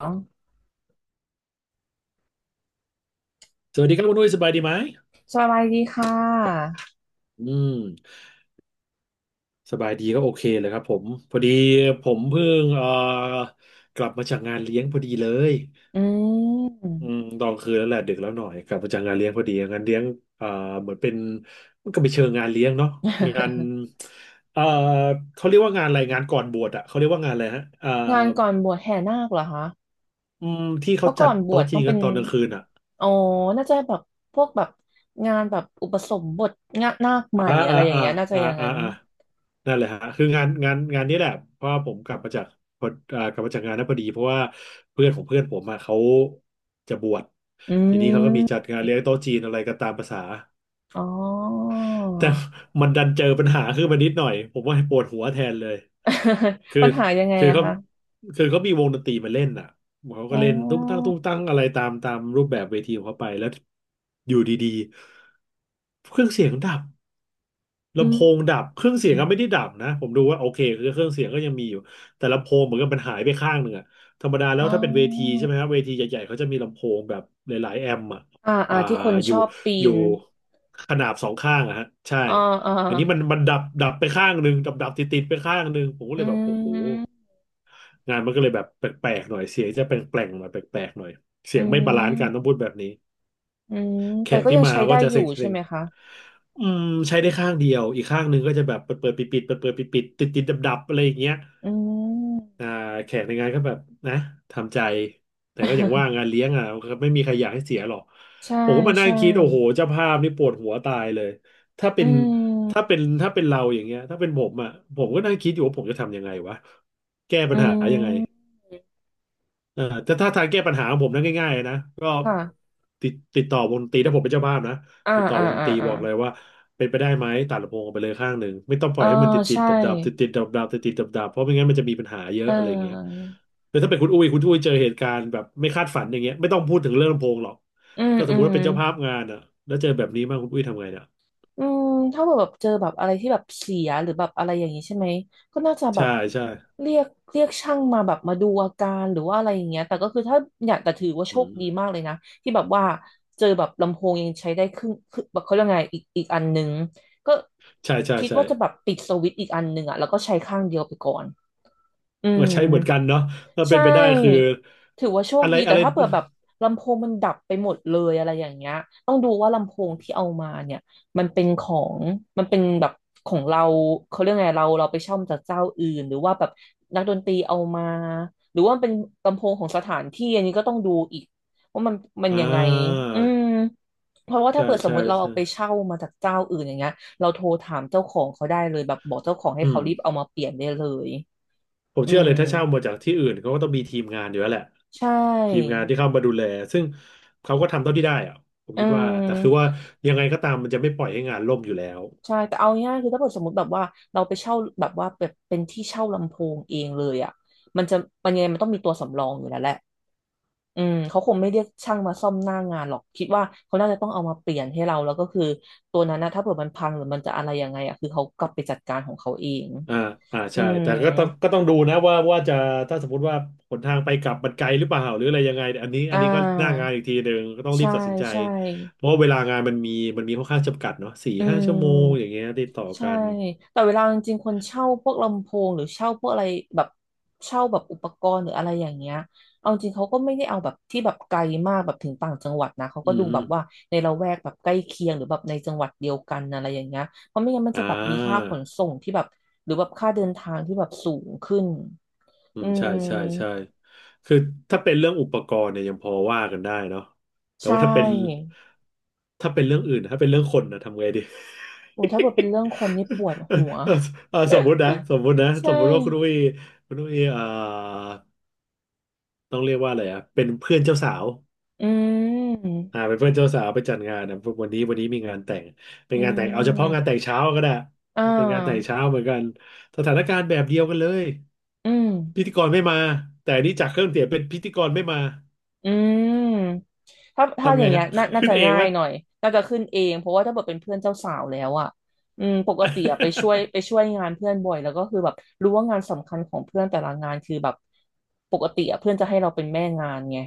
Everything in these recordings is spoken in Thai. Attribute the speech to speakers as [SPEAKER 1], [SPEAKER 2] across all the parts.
[SPEAKER 1] อ๋อ
[SPEAKER 2] สวัสดีครับคุณนุ้ยสบายดีไหม
[SPEAKER 1] สบายดีค่ะ
[SPEAKER 2] อืมสบายดีก็โอเคเลยครับผมพอดีผมเพิ่งกลับมาจากงานเลี้ยงพอดีเลย
[SPEAKER 1] อืม
[SPEAKER 2] อืมตอนคืนแล้วแหละดึกแล้วหน่อยกลับมาจากงานเลี้ยงพอดีงานเลี้ยงเอ่อเหมือนเป็นมันก็ไปเชิงงานเลี้ยงเนาะงาน เอ่อเขาเรียกว่างานอะไรงานก่อนบวชอะเขาเรียกว่างานอะไรฮะ
[SPEAKER 1] งานก่อนบวชแห่นาคเหรอคะ
[SPEAKER 2] อืมที่
[SPEAKER 1] เพ
[SPEAKER 2] เขา
[SPEAKER 1] ราะ
[SPEAKER 2] จั
[SPEAKER 1] ก่อ
[SPEAKER 2] ด
[SPEAKER 1] นบว
[SPEAKER 2] โต๊ะ
[SPEAKER 1] ช
[SPEAKER 2] จี
[SPEAKER 1] ต้อง
[SPEAKER 2] น
[SPEAKER 1] เป็
[SPEAKER 2] กัน
[SPEAKER 1] น
[SPEAKER 2] ตอนกลางคืนอะ
[SPEAKER 1] อ๋อน่าจะแบบพวกแบบงานแบบอุปสมบทงานนาคให
[SPEAKER 2] อ่า
[SPEAKER 1] ม่อะ
[SPEAKER 2] อ่า
[SPEAKER 1] ไรอย่าง
[SPEAKER 2] อ่า
[SPEAKER 1] เงี้ยน่าจะ
[SPEAKER 2] อ่า
[SPEAKER 1] อย่าง
[SPEAKER 2] อ่า
[SPEAKER 1] นั้น
[SPEAKER 2] อ่านั่นแหละฮะคืองานนี้แหละเพราะว่าผมกลับมาจากพออ่ากลับมาจากงานนั้นพอดีเพราะว่าเพื่อนของเพื่อนผมอะเขาจะบวช
[SPEAKER 1] อื
[SPEAKER 2] ทีนี้เขาก็มีจัด
[SPEAKER 1] ม
[SPEAKER 2] งานเลี้ยงโต๊ะจีนอะไรก็ตามภาษา
[SPEAKER 1] อ๋อ
[SPEAKER 2] แต่มันดันเจอปัญหาขึ้นมานิดหน่อยผมว่าปวดหัวแทนเลย คือ
[SPEAKER 1] ปัญหายังไง
[SPEAKER 2] คือ
[SPEAKER 1] อะ
[SPEAKER 2] เขา
[SPEAKER 1] คะ
[SPEAKER 2] คือเขามีวงดนตรีมาเล่นอ่ะเขา
[SPEAKER 1] อ๋
[SPEAKER 2] ก็เล่นตุ้งตั้ง
[SPEAKER 1] อ
[SPEAKER 2] ตุ้งตั้งอะไรตามรูปแบบเวทีของเขาไปแล้วอยู่ดีๆเครื่องเสียงดับ
[SPEAKER 1] อื
[SPEAKER 2] ลำโพ
[SPEAKER 1] ม
[SPEAKER 2] งดับเครื่องเสี
[SPEAKER 1] อ
[SPEAKER 2] ยง
[SPEAKER 1] ม
[SPEAKER 2] ก็ไม่ได้ดับนะผมดูว่าโอเคคือเครื่องเสียงก็ยังมีอยู่แต่ลำโพงเหมือนกับมันหายไปข้างหนึ่งอะธรรมดาแล้
[SPEAKER 1] อ๋
[SPEAKER 2] วถ้าเป็นเวที
[SPEAKER 1] อ
[SPEAKER 2] ใช่ไหมครับเวทีใหญ่ๆเขาจะมีลำโพงแบบหลายๆแอมป์อะ
[SPEAKER 1] อ่าอ่า
[SPEAKER 2] อ่า
[SPEAKER 1] ที่คน
[SPEAKER 2] อ
[SPEAKER 1] ช
[SPEAKER 2] ยู่
[SPEAKER 1] อบปี
[SPEAKER 2] อยู่
[SPEAKER 1] น
[SPEAKER 2] ขนาบสองข้างอะฮะใช่
[SPEAKER 1] อ่าอ่า
[SPEAKER 2] อย่างนี้มันดับดับไปข้างหนึ่งดับดับติดติดไปข้างหนึ่งผมก็เล
[SPEAKER 1] อื
[SPEAKER 2] ยแบบโอ้โห
[SPEAKER 1] ม
[SPEAKER 2] งานมันก็เลยแบบแปลกๆหน่อยเสียงจะแปลงๆหน่อยแปลกๆหน่อยเสี
[SPEAKER 1] อื
[SPEAKER 2] ยงไม่บาลานซ์กันต้อง
[SPEAKER 1] ม
[SPEAKER 2] พูดแบบนี้
[SPEAKER 1] อืม
[SPEAKER 2] แข
[SPEAKER 1] แต่
[SPEAKER 2] ก
[SPEAKER 1] ก็
[SPEAKER 2] ที่
[SPEAKER 1] ยัง
[SPEAKER 2] มา
[SPEAKER 1] ใช้
[SPEAKER 2] ก็
[SPEAKER 1] ได้
[SPEAKER 2] จะ
[SPEAKER 1] อยู่
[SPEAKER 2] เซ็ง
[SPEAKER 1] ใช่
[SPEAKER 2] เซ็ง
[SPEAKER 1] ไหมคะ
[SPEAKER 2] อืมใช้ได้ข้างเดียวอีกข้างหนึ่งก็จะแบบเปิดเปิดปิดปิดเปิดเปิดปิดปิดติดติดดับดับๆอะไรอย่างเงี้ย
[SPEAKER 1] อืม
[SPEAKER 2] อ่าแขกในงานก็แบบนะทำใจแต่ก็อย่างว่า งานเลี้ยงอ่ะก็ไม่มีใครอยากให้เสียหรอก
[SPEAKER 1] ใช่
[SPEAKER 2] ผมก็มานั่ง
[SPEAKER 1] ใช่
[SPEAKER 2] คิดโอ้โหเจ้าภาพนี่ปวดหัวตายเลยถ้าเป็
[SPEAKER 1] อื
[SPEAKER 2] น
[SPEAKER 1] ม
[SPEAKER 2] ถ้าเป็นเราอย่างเงี้ยถ้าเป็นผมอ่ะผมก็นั่งคิดอยู่ว่าผมจะทำยังไงวะแก้ปัญ
[SPEAKER 1] อื
[SPEAKER 2] หายังไง
[SPEAKER 1] ม
[SPEAKER 2] เออแต่ถ้าทางแก้ปัญหาของผมนั้นง่ายๆนะก็
[SPEAKER 1] ค่ะ
[SPEAKER 2] ติดต่อวงดนตรีถ้าผมเป็นเจ้าภาพนะ
[SPEAKER 1] อ่า
[SPEAKER 2] ติดต่อ
[SPEAKER 1] อ่า
[SPEAKER 2] วงดน
[SPEAKER 1] อ่า
[SPEAKER 2] ตรี
[SPEAKER 1] อ่า
[SPEAKER 2] บอกเลยว่าเป็นไปได้ไหมตัดลำโพงออกไปเลยข้างหนึ่งไม่ต้องป
[SPEAKER 1] เอ
[SPEAKER 2] ล่
[SPEAKER 1] อ
[SPEAKER 2] อยให้มันติดติด
[SPEAKER 1] ใช่
[SPEAKER 2] ดับดับติดติดดับดับติดติดดับดับเพราะไม่งั้นมันจะมีปัญหาเย
[SPEAKER 1] เ
[SPEAKER 2] อะอะไรอย่างเงี้ย
[SPEAKER 1] ออ
[SPEAKER 2] แต่ถ้าเป็นคุณอุ้ยเจอเหตุการณ์แบบไม่คาดฝันอย่างเงี้ยไม่ต้องพูดถึงเรื่องลำโพงหรอก
[SPEAKER 1] อืม
[SPEAKER 2] ถ้าส
[SPEAKER 1] อื
[SPEAKER 2] มมติ
[SPEAKER 1] ม
[SPEAKER 2] ว่าเป็นเจ้าภาพงานอ่ะแล้วเจอแบบนี้มากคุณอุ้ยทำไงเนี่ย
[SPEAKER 1] อืมถ้าแบบเจอแบบอะไรที่แบบเสียหรือแบบอะไรอย่างนี้ใช่ไหมก็น่าจะแบ
[SPEAKER 2] ใช่
[SPEAKER 1] บ
[SPEAKER 2] ใช่
[SPEAKER 1] เรียกเรียกช่างมาแบบมาดูอาการหรือว่าอะไรอย่างเงี้ยแต่ก็คือถ้าเนี่ยแต่ถือว่าโช
[SPEAKER 2] อื
[SPEAKER 1] คดี
[SPEAKER 2] ม
[SPEAKER 1] มากเลยนะที่แบบว่าเจอแบบลำโพงยังใช้ได้ครึ่งคือแบบเขาเรียกไงอีกอันหนึงก็
[SPEAKER 2] ใช่ใช่
[SPEAKER 1] คิด
[SPEAKER 2] ใช่
[SPEAKER 1] ว่าจะแบบปิดสวิตช์อีกอันหนึงอ่ะแล้วก็ใช้ข้างเดียวไปก่อนอืม
[SPEAKER 2] มาใช้เหมือนกันเนาะถ้าเป็
[SPEAKER 1] ใช่
[SPEAKER 2] นไปได้คือ
[SPEAKER 1] ถือว่าโชค
[SPEAKER 2] อะไร
[SPEAKER 1] ดี
[SPEAKER 2] อะ
[SPEAKER 1] แต่
[SPEAKER 2] ไร
[SPEAKER 1] ถ้าเปิดแบบลำโพงมันดับไปหมดเลยอะไรอย่างเงี้ย ต้องดูว่าลำโพงที่เอามาเนี่ยมันเป็นของมันเป็นแบบของเราเขาเรียกไงเราไปเช่ามาจากเจ้าอื่นหรือว่าแบบนักดนตรีเอามาหรือว่ามันเป็นลำโพงของสถานที่อันนี้ก็ต้องดูอีกว่ามัน
[SPEAKER 2] อ่า
[SPEAKER 1] ยังไงอืมเพราะว่าถ้า
[SPEAKER 2] ใช่
[SPEAKER 1] เปิดสมม
[SPEAKER 2] ใช่
[SPEAKER 1] ติเรา
[SPEAKER 2] ใช่
[SPEAKER 1] เอาไปเช่ามาจากเจ้าอื่นอย่างเงี้ยเราโทรถามเจ้าของเขาได้เลยแบบบอกเจ้าของให้
[SPEAKER 2] อื
[SPEAKER 1] เขา
[SPEAKER 2] ม
[SPEAKER 1] รีบเอามาเปลี่ยนได้เลย
[SPEAKER 2] ผม
[SPEAKER 1] อื
[SPEAKER 2] เชื่อเล
[SPEAKER 1] ม
[SPEAKER 2] ยถ้าเช่ามาจากที่อื่นเขาก็ต้องมีทีมงานอยู่แล้วแหละ
[SPEAKER 1] ใช
[SPEAKER 2] ทีม
[SPEAKER 1] ่
[SPEAKER 2] งานที่เข้ามาดูแลซึ่งเขาก็ทำเท่าที่ได้อะผม
[SPEAKER 1] อื
[SPEAKER 2] คิดว่าแต่คือว่า
[SPEAKER 1] ม
[SPEAKER 2] ยังไงก็ตามมันจะไม่ปล่อยให้งานล่มอยู่แล้ว
[SPEAKER 1] ใช่แต่เอาง่ายๆคือถ้าเกิดสมมติแบบว่าเราไปเช่าแบบว่าแบบเป็นที่เช่าลำโพงเองเลยอ่ะมันจะมันยังไงมันต้องมีตัวสำรองอยู่แล้วแหละอืมเขาคงไม่เรียกช่างมาซ่อมหน้างานหรอกคิดว่าเขาน่าจะต้องเอามาเปลี่ยนให้เราแล้วก็คือตัวนั้นนะถ้าเผื่อมันพังหรือมันจะอะไรยังไงอ่ะคือเขากลับไปจัดการของเขาเอง
[SPEAKER 2] อ่าอ่า
[SPEAKER 1] อื
[SPEAKER 2] ใช่
[SPEAKER 1] ม
[SPEAKER 2] แต่ก็ต้องดูนะว่าจะถ้าสมมติว่าหนทางไปกลับมันไกลหรือเปล่าหรืออะไรยังไง
[SPEAKER 1] อ่
[SPEAKER 2] อันนี้ก็หน้า
[SPEAKER 1] า
[SPEAKER 2] งานอีกทีหนึ่งก็ต้องรี
[SPEAKER 1] ใช่
[SPEAKER 2] บตัดสินใจ
[SPEAKER 1] ใช่
[SPEAKER 2] เพราะว่าเวลางานมันมีมีค่อนข้างจำกัดเนาะสี่
[SPEAKER 1] อื
[SPEAKER 2] ห้าชั่วโมงอ
[SPEAKER 1] ม
[SPEAKER 2] ย่างเงี้ยติดต่อ
[SPEAKER 1] ใช่
[SPEAKER 2] กัน
[SPEAKER 1] แต่เวลาจริงๆคนเช่าพวกลำโพงหรือเช่าพวกอะไรแบบเช่าแบบอุปกรณ์หรืออะไรอย่างเงี้ยเอาจริงเขาก็ไม่ได้เอาแบบที่แบบไกลมากแบบถึงต่างจังหวัดนะเขา
[SPEAKER 2] อื
[SPEAKER 1] ก็ดูแบ
[SPEAKER 2] ม
[SPEAKER 1] บว่าในละแวกแบบใกล้เคียงหรือแบบในจังหวัดเดียวกันอะไรอย่างเงี้ยเพราะไม่งั้นมัน
[SPEAKER 2] อ่
[SPEAKER 1] จะแบบมีค่า
[SPEAKER 2] า
[SPEAKER 1] ขนส่งที่แบบหรือแบบค่าเดินทางที่แบบสูงขึ้น
[SPEAKER 2] อื
[SPEAKER 1] อื
[SPEAKER 2] มใช่
[SPEAKER 1] ม
[SPEAKER 2] ใช่ใช่คือถ้าเป็นเรื่องอุปกรณ์เนี่ยยังพอว่ากันได้เนาะแต่
[SPEAKER 1] ใช่
[SPEAKER 2] ว่าถ้าเป็นเรื่องอื่นถ้าเป็นเรื่องคนนะทำไงดี
[SPEAKER 1] โอ้ถ้าเกิ ดเป็นเรื่องคนนี่ปวด
[SPEAKER 2] เออ
[SPEAKER 1] หัว
[SPEAKER 2] เออเออส
[SPEAKER 1] ใช่
[SPEAKER 2] มมุติว่าคุณอุ้ยคุณอุ้ยเอ่อต้องเรียกว่าอะไรอ่ะเป็นเพื่อนเจ้าสาว
[SPEAKER 1] อื
[SPEAKER 2] อ่า
[SPEAKER 1] ม
[SPEAKER 2] เป็นเพื่อนเจ้าสาวไปจัดงานนะวันนี้มีงานแต่งเป็น
[SPEAKER 1] อื
[SPEAKER 2] งานแต่งเอาเฉพาะงาน
[SPEAKER 1] ม
[SPEAKER 2] แต่งเช้าก็ได้
[SPEAKER 1] อ่
[SPEAKER 2] เป็นงานแต่ง
[SPEAKER 1] า
[SPEAKER 2] เช้าเหมือนกันสถานการณ์แบบเดียวกันเลย
[SPEAKER 1] อืม
[SPEAKER 2] พิธีกรไม่มาแต่อันนี่จากเครื่องเสียงเป็นพิธีกรไม่มา
[SPEAKER 1] อืมถ้า
[SPEAKER 2] ทำ
[SPEAKER 1] อ
[SPEAKER 2] ไง
[SPEAKER 1] ย่างเงี้
[SPEAKER 2] ฮะ
[SPEAKER 1] ยน่า น่า
[SPEAKER 2] ขึ้น
[SPEAKER 1] จะ
[SPEAKER 2] เอง
[SPEAKER 1] ง่า
[SPEAKER 2] ไหม
[SPEAKER 1] ยหน่อยน่าจะขึ้นเองเพราะว่าถ้าเกิดเป็นเพื่อนเจ้าสาวแล้วอ่ะอืมปกติอะไปช่วยไป ช่วยงานเพื่อนบ่อยแล้วก็คือแบบรู้ว่างานสำคัญของเพื่อนแต่ละงานคือแบบปกติอะเพื่อนจะให้เราเป็นแม่งานไง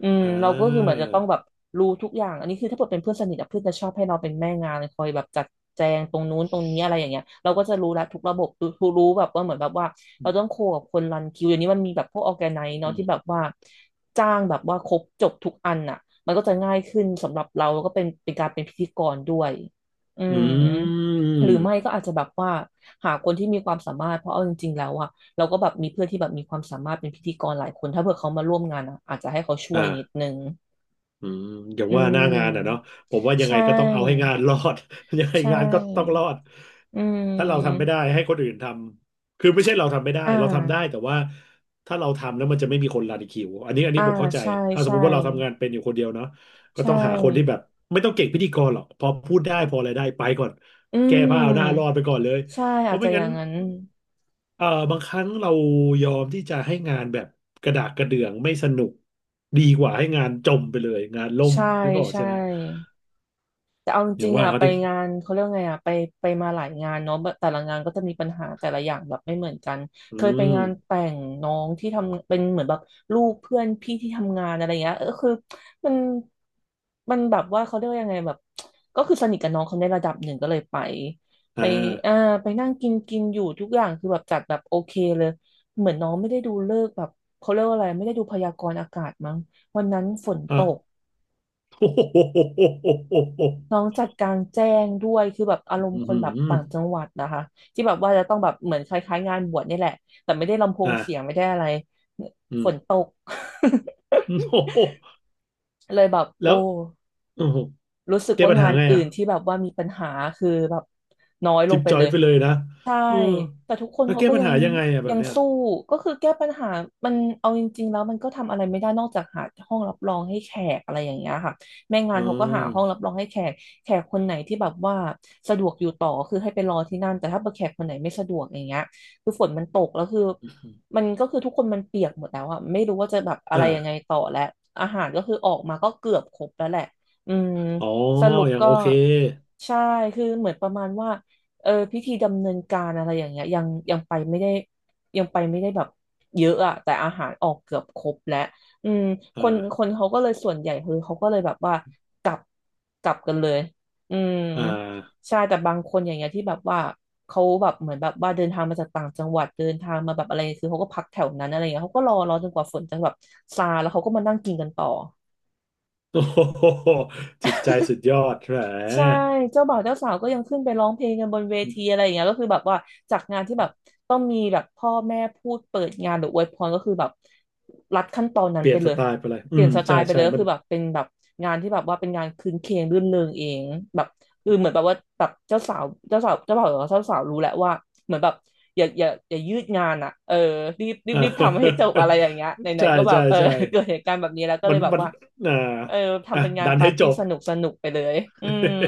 [SPEAKER 1] อืม
[SPEAKER 2] อ่
[SPEAKER 1] เราก็คือเหมือ
[SPEAKER 2] า
[SPEAKER 1] นจะต้องแบบรู้ทุกอย่างอันนี้คือถ้าเกิดเป็นเพื่อนสนิทอะเพื่อนจะชอบให้เราเป็นแม่งานเลยคอยแบบจัดแจงตรงนู้นตรงนี้อะไรอย่างเงี้ยเราก็จะรู้ละทุกระบบรู้แบบว่าเหมือนแบบว่าเราต้องโคกับคนรันคิวอย่างนี้มันมีแบบพวกออแกไน
[SPEAKER 2] อื
[SPEAKER 1] เนาะ
[SPEAKER 2] ม
[SPEAKER 1] ที่แบบว่า จ้างแบบว่าครบจบทุกอันน่ะมันก็จะง่ายขึ้นสำหรับเราแล้วก็เป็นการเป็นพิธีกรด้วยอื
[SPEAKER 2] อ
[SPEAKER 1] ม
[SPEAKER 2] ื
[SPEAKER 1] หรือ
[SPEAKER 2] ม
[SPEAKER 1] ไม่ก็อาจจะแบบว่าหาคนที่มีความสามารถเพราะเอาจริงๆแล้วอะเราก็แบบมีเพื่อนที่แบบมีความสามารถเป็นพิธีกรหลายคนถ้าเผื่อเขามาร่วมงานอะอาจจะให้เขาช่วยนิด
[SPEAKER 2] อ่า
[SPEAKER 1] นึง
[SPEAKER 2] อืมอย่าง
[SPEAKER 1] อื
[SPEAKER 2] ว่าหน้างานอ่ะเนาะ
[SPEAKER 1] ม
[SPEAKER 2] ผมว่ายัง
[SPEAKER 1] ใช
[SPEAKER 2] ไงก็ต้องเอาให้
[SPEAKER 1] ่
[SPEAKER 2] งานรอด ยังไง
[SPEAKER 1] ใช
[SPEAKER 2] งานก็ต้องร
[SPEAKER 1] ่
[SPEAKER 2] อด
[SPEAKER 1] อื
[SPEAKER 2] ถ้าเราทำไม่
[SPEAKER 1] ม
[SPEAKER 2] ได้ให้คนอื่นทำคือไม่ใช่เราทำไม่ได้
[SPEAKER 1] อ่
[SPEAKER 2] เราทำได้
[SPEAKER 1] า
[SPEAKER 2] แต่ว่าถ้าเราทำแล้วมันจะไม่มีคนรันคิวอันนี้อัน
[SPEAKER 1] อ่า
[SPEAKER 2] นี้ผมเข้าใจ
[SPEAKER 1] ใช่
[SPEAKER 2] ถ้าสม
[SPEAKER 1] ใช่
[SPEAKER 2] มติว่าเราทำงานเป็นอยู่คนเดียวเนาะก็
[SPEAKER 1] ใช่
[SPEAKER 2] ต้องหาคนที่แบบไม่ต้องเก่งพิธีกรหรอกพอพูดได้พออะไรได้ไปก่อน
[SPEAKER 1] อื
[SPEAKER 2] แก้ผ้าเอาหน้ารอดไป
[SPEAKER 1] ม
[SPEAKER 2] ก่อนเลย
[SPEAKER 1] ใช่
[SPEAKER 2] เพ
[SPEAKER 1] อาจ
[SPEAKER 2] ราะไม่
[SPEAKER 1] จะอ
[SPEAKER 2] งั้
[SPEAKER 1] ย่า
[SPEAKER 2] น
[SPEAKER 1] งนั้น
[SPEAKER 2] เอ่อ บางครั้งเรายอมที่จะให้งานแบบกระดากกระเดื่องไม่สนุกดีกว่าให้งานจมไปเลยงานล่ม
[SPEAKER 1] ใช่
[SPEAKER 2] นึกออก
[SPEAKER 1] ใช่
[SPEAKER 2] ใช่ไหม
[SPEAKER 1] แต่เอาจ
[SPEAKER 2] อย่า
[SPEAKER 1] ริ
[SPEAKER 2] ง
[SPEAKER 1] งๆ
[SPEAKER 2] ว่า
[SPEAKER 1] อ่ะ
[SPEAKER 2] เขา
[SPEAKER 1] ไป
[SPEAKER 2] ดิ
[SPEAKER 1] งานเขาเรียกว่าไงอ่ะไปมาหลายงานเนาะแต่ละงานก็จะมีปัญหาแต่ละอย่างแบบไม่เหมือนกัน
[SPEAKER 2] อื
[SPEAKER 1] เคยไป
[SPEAKER 2] ม
[SPEAKER 1] งานแต่งน้องที่ทำเป็นเหมือนแบบลูกเพื่อนพี่ที่ทำงานอะไรเงี้ยเออคือมันมันแบบว่าเขาเรียกว่ายังไงแบบก็คือสนิทกับน้องเขาในระดับหนึ่งก็เลยไปไป
[SPEAKER 2] อ่า
[SPEAKER 1] อ่าไปนั่งกินกินอยู่ทุกอย่างคือแบบจัดแบบโอเคเลยเหมือนน้องไม่ได้ดูฤกษ์แบบเขาเรียกว่าอะไรไม่ได้ดูพยากรณ์อากาศมั้งวันนั้นฝนต
[SPEAKER 2] อ่ะ
[SPEAKER 1] ก
[SPEAKER 2] โอ้โห
[SPEAKER 1] น้องจัดกลางแจ้งด้วยคือแบบอารมณ์
[SPEAKER 2] อื
[SPEAKER 1] คนแบบ
[SPEAKER 2] ม
[SPEAKER 1] ต่างจังหวัดนะคะที่แบบว่าจะต้องแบบเหมือนคล้ายๆงานบวชนี่แหละแต่ไม่ได้ลำโพงเสียง
[SPEAKER 2] อ่า
[SPEAKER 1] ไม่ได้อะไร
[SPEAKER 2] อืม โ อ้โห
[SPEAKER 1] เลยแบบ
[SPEAKER 2] แล้
[SPEAKER 1] โอ้
[SPEAKER 2] วโอ้โห
[SPEAKER 1] รู้สึก
[SPEAKER 2] แก้
[SPEAKER 1] ว่า
[SPEAKER 2] ปัญ
[SPEAKER 1] งา
[SPEAKER 2] หา
[SPEAKER 1] น
[SPEAKER 2] ไง
[SPEAKER 1] อื่
[SPEAKER 2] อ่ะ
[SPEAKER 1] นที่แบบว่ามีปัญหาคือแบบน้อยล
[SPEAKER 2] จิ
[SPEAKER 1] ง
[SPEAKER 2] บ
[SPEAKER 1] ไป
[SPEAKER 2] จอ
[SPEAKER 1] เล
[SPEAKER 2] ย
[SPEAKER 1] ย
[SPEAKER 2] ไปเลยนะ
[SPEAKER 1] ใช่
[SPEAKER 2] เออ
[SPEAKER 1] แต่ทุกคน
[SPEAKER 2] แล้ว
[SPEAKER 1] เขา
[SPEAKER 2] แก้
[SPEAKER 1] ก็
[SPEAKER 2] ปัญ
[SPEAKER 1] ยัง
[SPEAKER 2] หายังไงอ่ะแบ
[SPEAKER 1] ยั
[SPEAKER 2] บ
[SPEAKER 1] ง
[SPEAKER 2] เนี้ย
[SPEAKER 1] สู้ก็คือแก้ปัญหามันเอาจริงๆแล้วมันก็ทำอะไรไม่ได้นอกจากหาห้องรับรองให้แขกอะไรอย่างเงี้ยค่ะแม่งา
[SPEAKER 2] อื
[SPEAKER 1] นเขาก็หาห้องรับร
[SPEAKER 2] ม
[SPEAKER 1] องให้แขกแขกคนไหนที่แบบว่าสะดวกอยู่ต่อคือให้ไปรอที่นั่นแต่ถ้าแขกคนไหนไม่สะดวกอย่างเงี้ยคือฝนมันตกแล้วคือมันก็คือทุกคนมันเปียกหมดแล้วอะไม่รู้ว่าจะแบบอะไร
[SPEAKER 2] อ่า
[SPEAKER 1] ยังไงต่อแล้วอาหารก็คือออกมาก็เกือบครบแล้วแหละอืม
[SPEAKER 2] อ๋อ
[SPEAKER 1] สรุป
[SPEAKER 2] อยาง
[SPEAKER 1] ก็
[SPEAKER 2] โอเค
[SPEAKER 1] ใช่คือเหมือนประมาณว่า พิธีดำเนินการอะไรอย่างเงี้ยยังไปไม่ได้ยังไปไม่ได้แบบเยอะอะแต่อาหารออกเกือบครบแล้วอืมคนค
[SPEAKER 2] อ่า
[SPEAKER 1] นเขาก็เลยส่วนใหญ่คือเขาก็เลยแบบว่ากลับกลับกันเลยอืม
[SPEAKER 2] อ่า
[SPEAKER 1] ใช่แต่บางคนอย่างเงี้ยที่แบบว่าเขาแบบเหมือนแบบว่าเดินทางมาจากต่างจังหวัดเดินทางมาแบบอะไรคือเขาก็พักแถวนั้นอะไรเงี้ยเขาก็รอจนกว่าฝนจะแบบซาแล้วเขาก็มานั่งกินกันต่อ
[SPEAKER 2] โอ้ โหจิตใจสุดยอดแหม
[SPEAKER 1] ใช่เจ้าบ่าวเจ้าสาวก็ยังขึ้นไปร้องเพลงกันบนเวทีอะไรอย่างเงี้ยก็คือแบบว่าจากงานที่แบบต้องมีแบบพ่อแม่พูดเปิดงานหรืออวยพรก็คือแบบรัดขั้นตอนนั้
[SPEAKER 2] เป
[SPEAKER 1] น
[SPEAKER 2] ลี่
[SPEAKER 1] ไป
[SPEAKER 2] ยน
[SPEAKER 1] เล
[SPEAKER 2] ส
[SPEAKER 1] ย
[SPEAKER 2] ไตล์ไปเลย
[SPEAKER 1] เป
[SPEAKER 2] อื
[SPEAKER 1] ลี่ยน
[SPEAKER 2] ม
[SPEAKER 1] สไต
[SPEAKER 2] ใช่
[SPEAKER 1] ล์ไปเล
[SPEAKER 2] ใช่
[SPEAKER 1] ยก็
[SPEAKER 2] มั
[SPEAKER 1] คื
[SPEAKER 2] น
[SPEAKER 1] อแบบเป็นแบบงานที่แบบว่าเป็นงานคืนเคงรื่นเริงเองแบบคือเหมือนแบบว่าแบบเจ้าสาวเจ้าบ่าวหรือว่าเจ้าสาวรู้แหละว่าเหมือนแบบอย่ายืดงานอ่ะเออ
[SPEAKER 2] อ่า
[SPEAKER 1] รีบทำให้จบอะไรอย่างเงี้ย ไหน
[SPEAKER 2] ใช่
[SPEAKER 1] ๆก็แบบ
[SPEAKER 2] ใช่
[SPEAKER 1] เออ
[SPEAKER 2] ใช่
[SPEAKER 1] เกิดเหตุการณ์แบบนี้แล้วก็
[SPEAKER 2] มั
[SPEAKER 1] เล
[SPEAKER 2] น
[SPEAKER 1] ยแบบ
[SPEAKER 2] มัน
[SPEAKER 1] ว่า
[SPEAKER 2] อ่า
[SPEAKER 1] เออทำ
[SPEAKER 2] อ่ะ
[SPEAKER 1] เป็นงาน
[SPEAKER 2] ดัน
[SPEAKER 1] ปา
[SPEAKER 2] ให้
[SPEAKER 1] ร์
[SPEAKER 2] จ
[SPEAKER 1] ตี้
[SPEAKER 2] บ
[SPEAKER 1] สนุกสนุกไปเลยอืม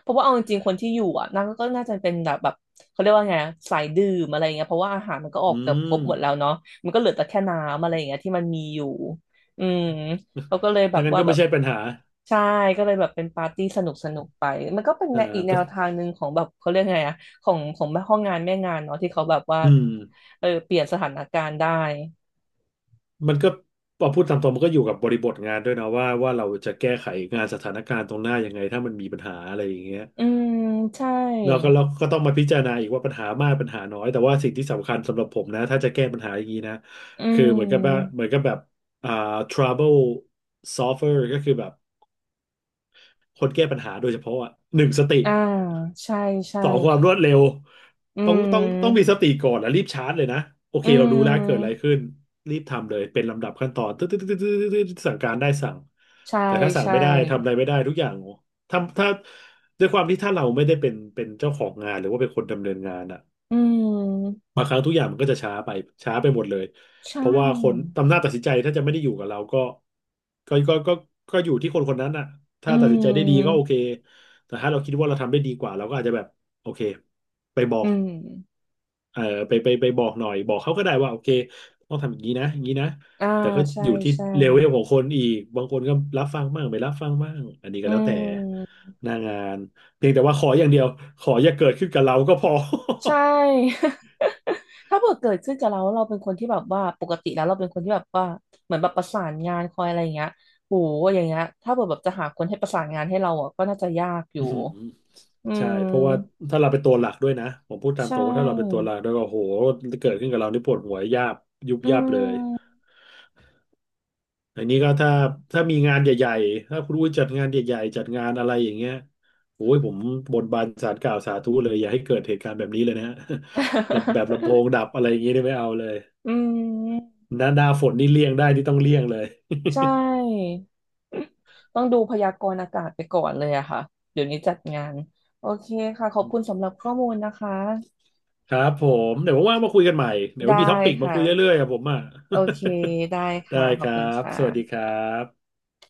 [SPEAKER 1] เพราะว่าเอาจริงๆคนที่อยู่อ่ะน่าก็น่าจะเป็นแบบเขาเรียกว่าไงอะสายดื่มอะไรเงี้ยเพราะว่าอาหารมันก็อ อ
[SPEAKER 2] อื
[SPEAKER 1] กเกือบครบ
[SPEAKER 2] ม
[SPEAKER 1] หมดแล้วเนาะมันก็เหลือแต่แค่น้ำอะไรเงี้ยที่มันมีอยู่ อืมเขาก็เลยแบ
[SPEAKER 2] ดัง
[SPEAKER 1] บ
[SPEAKER 2] นั้น
[SPEAKER 1] ว่า
[SPEAKER 2] ก็
[SPEAKER 1] แบ
[SPEAKER 2] ไม่
[SPEAKER 1] บ
[SPEAKER 2] ใช่ปัญหา
[SPEAKER 1] ใช่ก็เลยแบบเป็นปาร์ตี้สนุกสนุกไปมันก็เป็น
[SPEAKER 2] อ่า
[SPEAKER 1] แนวอีกแน
[SPEAKER 2] แต่
[SPEAKER 1] วทางหนึ่งของแบบเขาเรียกไงอะของแม่ห้องงานแม่งานเนาะที่เขาแบบว่า
[SPEAKER 2] อืม
[SPEAKER 1] เออเปลี่ยนสถานการณ์ได้
[SPEAKER 2] มันก็พอพูดตามตรงมันก็อยู่กับบริบทงานด้วยนะว่าเราจะแก้ไขงานสถานการณ์ตรงหน้ายังไงถ้ามันมีปัญหาอะไรอย่างเงี้ย
[SPEAKER 1] อืมใช่
[SPEAKER 2] เราก็ต้องมาพิจารณาอีกว่าปัญหามากปัญหาน้อยแต่ว่าสิ่งที่สำคัญสำหรับผมนะถ้าจะแก้ปัญหาอย่างนี้นะ
[SPEAKER 1] อื
[SPEAKER 2] คือเหมือนกับว่า
[SPEAKER 1] ม
[SPEAKER 2] เหมือนกับแบบอ่า trouble solver ก็คือแบบคนแก้ปัญหาโดยเฉพาะอ่ะหนึ่งสติ
[SPEAKER 1] อ่าใช่ใช่
[SPEAKER 2] สองความรวดเร็ว
[SPEAKER 1] อื
[SPEAKER 2] ต้องมีส
[SPEAKER 1] ม
[SPEAKER 2] ติก่อนแล้วรีบชาร์จเลยนะโอ
[SPEAKER 1] อื
[SPEAKER 2] เคเรารู้แล้วเกิดอะไร
[SPEAKER 1] ม
[SPEAKER 2] ขึ้นรีบทำเลยเป็นลำดับขั้นตอนตึ๊ดตึ๊ดตึ๊ดตึ๊ดตึ๊ดสั่งการได้สั่ง
[SPEAKER 1] ใช่
[SPEAKER 2] แต่ถ้าสั่ง
[SPEAKER 1] ใช่
[SPEAKER 2] ไม่ได้ทำอะไรไม่ได้ทุกอย่างถ้าด้วยความที่ถ้าเราไม่ได้เป็นเจ้าของงานหรือว่าเป็นคนดำเนินงานอ่ะ
[SPEAKER 1] อืม
[SPEAKER 2] บางครั้งทุกอย่างมันก็จะช้าไปช้าไปหมดเลย
[SPEAKER 1] ใช่
[SPEAKER 2] เพราะว่าคนอำนาจตัดสินใจถ้าจะไม่ได้อยู่กับเราก็ก็ก็ก็ก็อยู่ที่คนคนนั้นอ่ะ
[SPEAKER 1] อื
[SPEAKER 2] ถ้าตัดสินใจได้ดีก็
[SPEAKER 1] ม
[SPEAKER 2] โอเคแต่ถ้าเราคิดว่าเราทำได้ดีกว่าเราก็อาจจะแบบโอเคไปบอ
[SPEAKER 1] อื
[SPEAKER 2] ก
[SPEAKER 1] ม
[SPEAKER 2] เอ่อไปบอกหน่อยบอกเขาก็ได้ว่าโอเคต้องทำอย่างนี้นะอย่างนี้นะ
[SPEAKER 1] อ่า
[SPEAKER 2] แต่ก็
[SPEAKER 1] ใช่
[SPEAKER 2] อยู่ที่
[SPEAKER 1] ใช่
[SPEAKER 2] เลเวลของคนอีกบางคนก็รับฟังบ้างไม่รับฟังบ้างอันนี้
[SPEAKER 1] อื
[SPEAKER 2] ก็แล้วแต่
[SPEAKER 1] ม
[SPEAKER 2] หน้างานเพียงแต่ว่าขออย่างเดียวขออย่าเกิดขึ้นกับเราก็พอ
[SPEAKER 1] ใช่ ถ้าเกิดขึ้นกับเราเราเป็นคนที่แบบว่าปกติแล้วเราเป็นคนที่แบบว่าเหมือนแบบประสานงานคอยอะไรอย่างเงี้ยโหอย่างเงี้ยถ้าเกิดแบบจะหาคนให้ประสานงานให้เราอ่ะก็น่าจะยากอ
[SPEAKER 2] อื
[SPEAKER 1] ยู่
[SPEAKER 2] ม
[SPEAKER 1] อื
[SPEAKER 2] ใช่เพราะว่า
[SPEAKER 1] ม
[SPEAKER 2] ถ้าเราเป็นตัวหลักด้วยนะผมพูดตาม
[SPEAKER 1] ใช
[SPEAKER 2] ตรงว่าถ้าเราเป็นตัว
[SPEAKER 1] ่
[SPEAKER 2] หลักด้วยก็โหเกิดขึ้นกับเรานี่ปวดหัวยาบยุบ
[SPEAKER 1] อื
[SPEAKER 2] ยับเลย
[SPEAKER 1] ม
[SPEAKER 2] อันนี้ก็ถ้ามีงานใหญ่ๆถ้าคุณอุ้ยจัดงานใหญ่ๆจัดงานอะไรอย่างเงี้ยโอ้ยผมบนบานศาลกล่าวสาธุเลยอย่าให้เกิดเหตุการณ์แบบนี้เลยนะฮะ แบบลำโพ งดับอะไรอย่างเงี้ยนี่ไม่เอาเลย
[SPEAKER 1] อืม
[SPEAKER 2] หน้าฝนนี่เลี่ยงได้นี่ต้องเลี่ยงเลย
[SPEAKER 1] ใช่ ต้องดูพยากรณ์อากาศไปก่อนเลยอะค่ะเดี๋ยวนี้จัดงานโอเคค่ะขอบคุณสำหรับข้อมูลนะคะ
[SPEAKER 2] ครับผมเดี๋ยวว่างๆมาคุยกันใหม่เดี๋ยว
[SPEAKER 1] ได้
[SPEAKER 2] มีท็อปปิกมา
[SPEAKER 1] ค่ะ
[SPEAKER 2] คุยเรื่อยๆครับผมอ่ะ
[SPEAKER 1] โอเคได้
[SPEAKER 2] ได้
[SPEAKER 1] ค่ะขอ
[SPEAKER 2] ค
[SPEAKER 1] บ
[SPEAKER 2] รั
[SPEAKER 1] คุณค
[SPEAKER 2] บสวัสดีค
[SPEAKER 1] ่ะ
[SPEAKER 2] รับ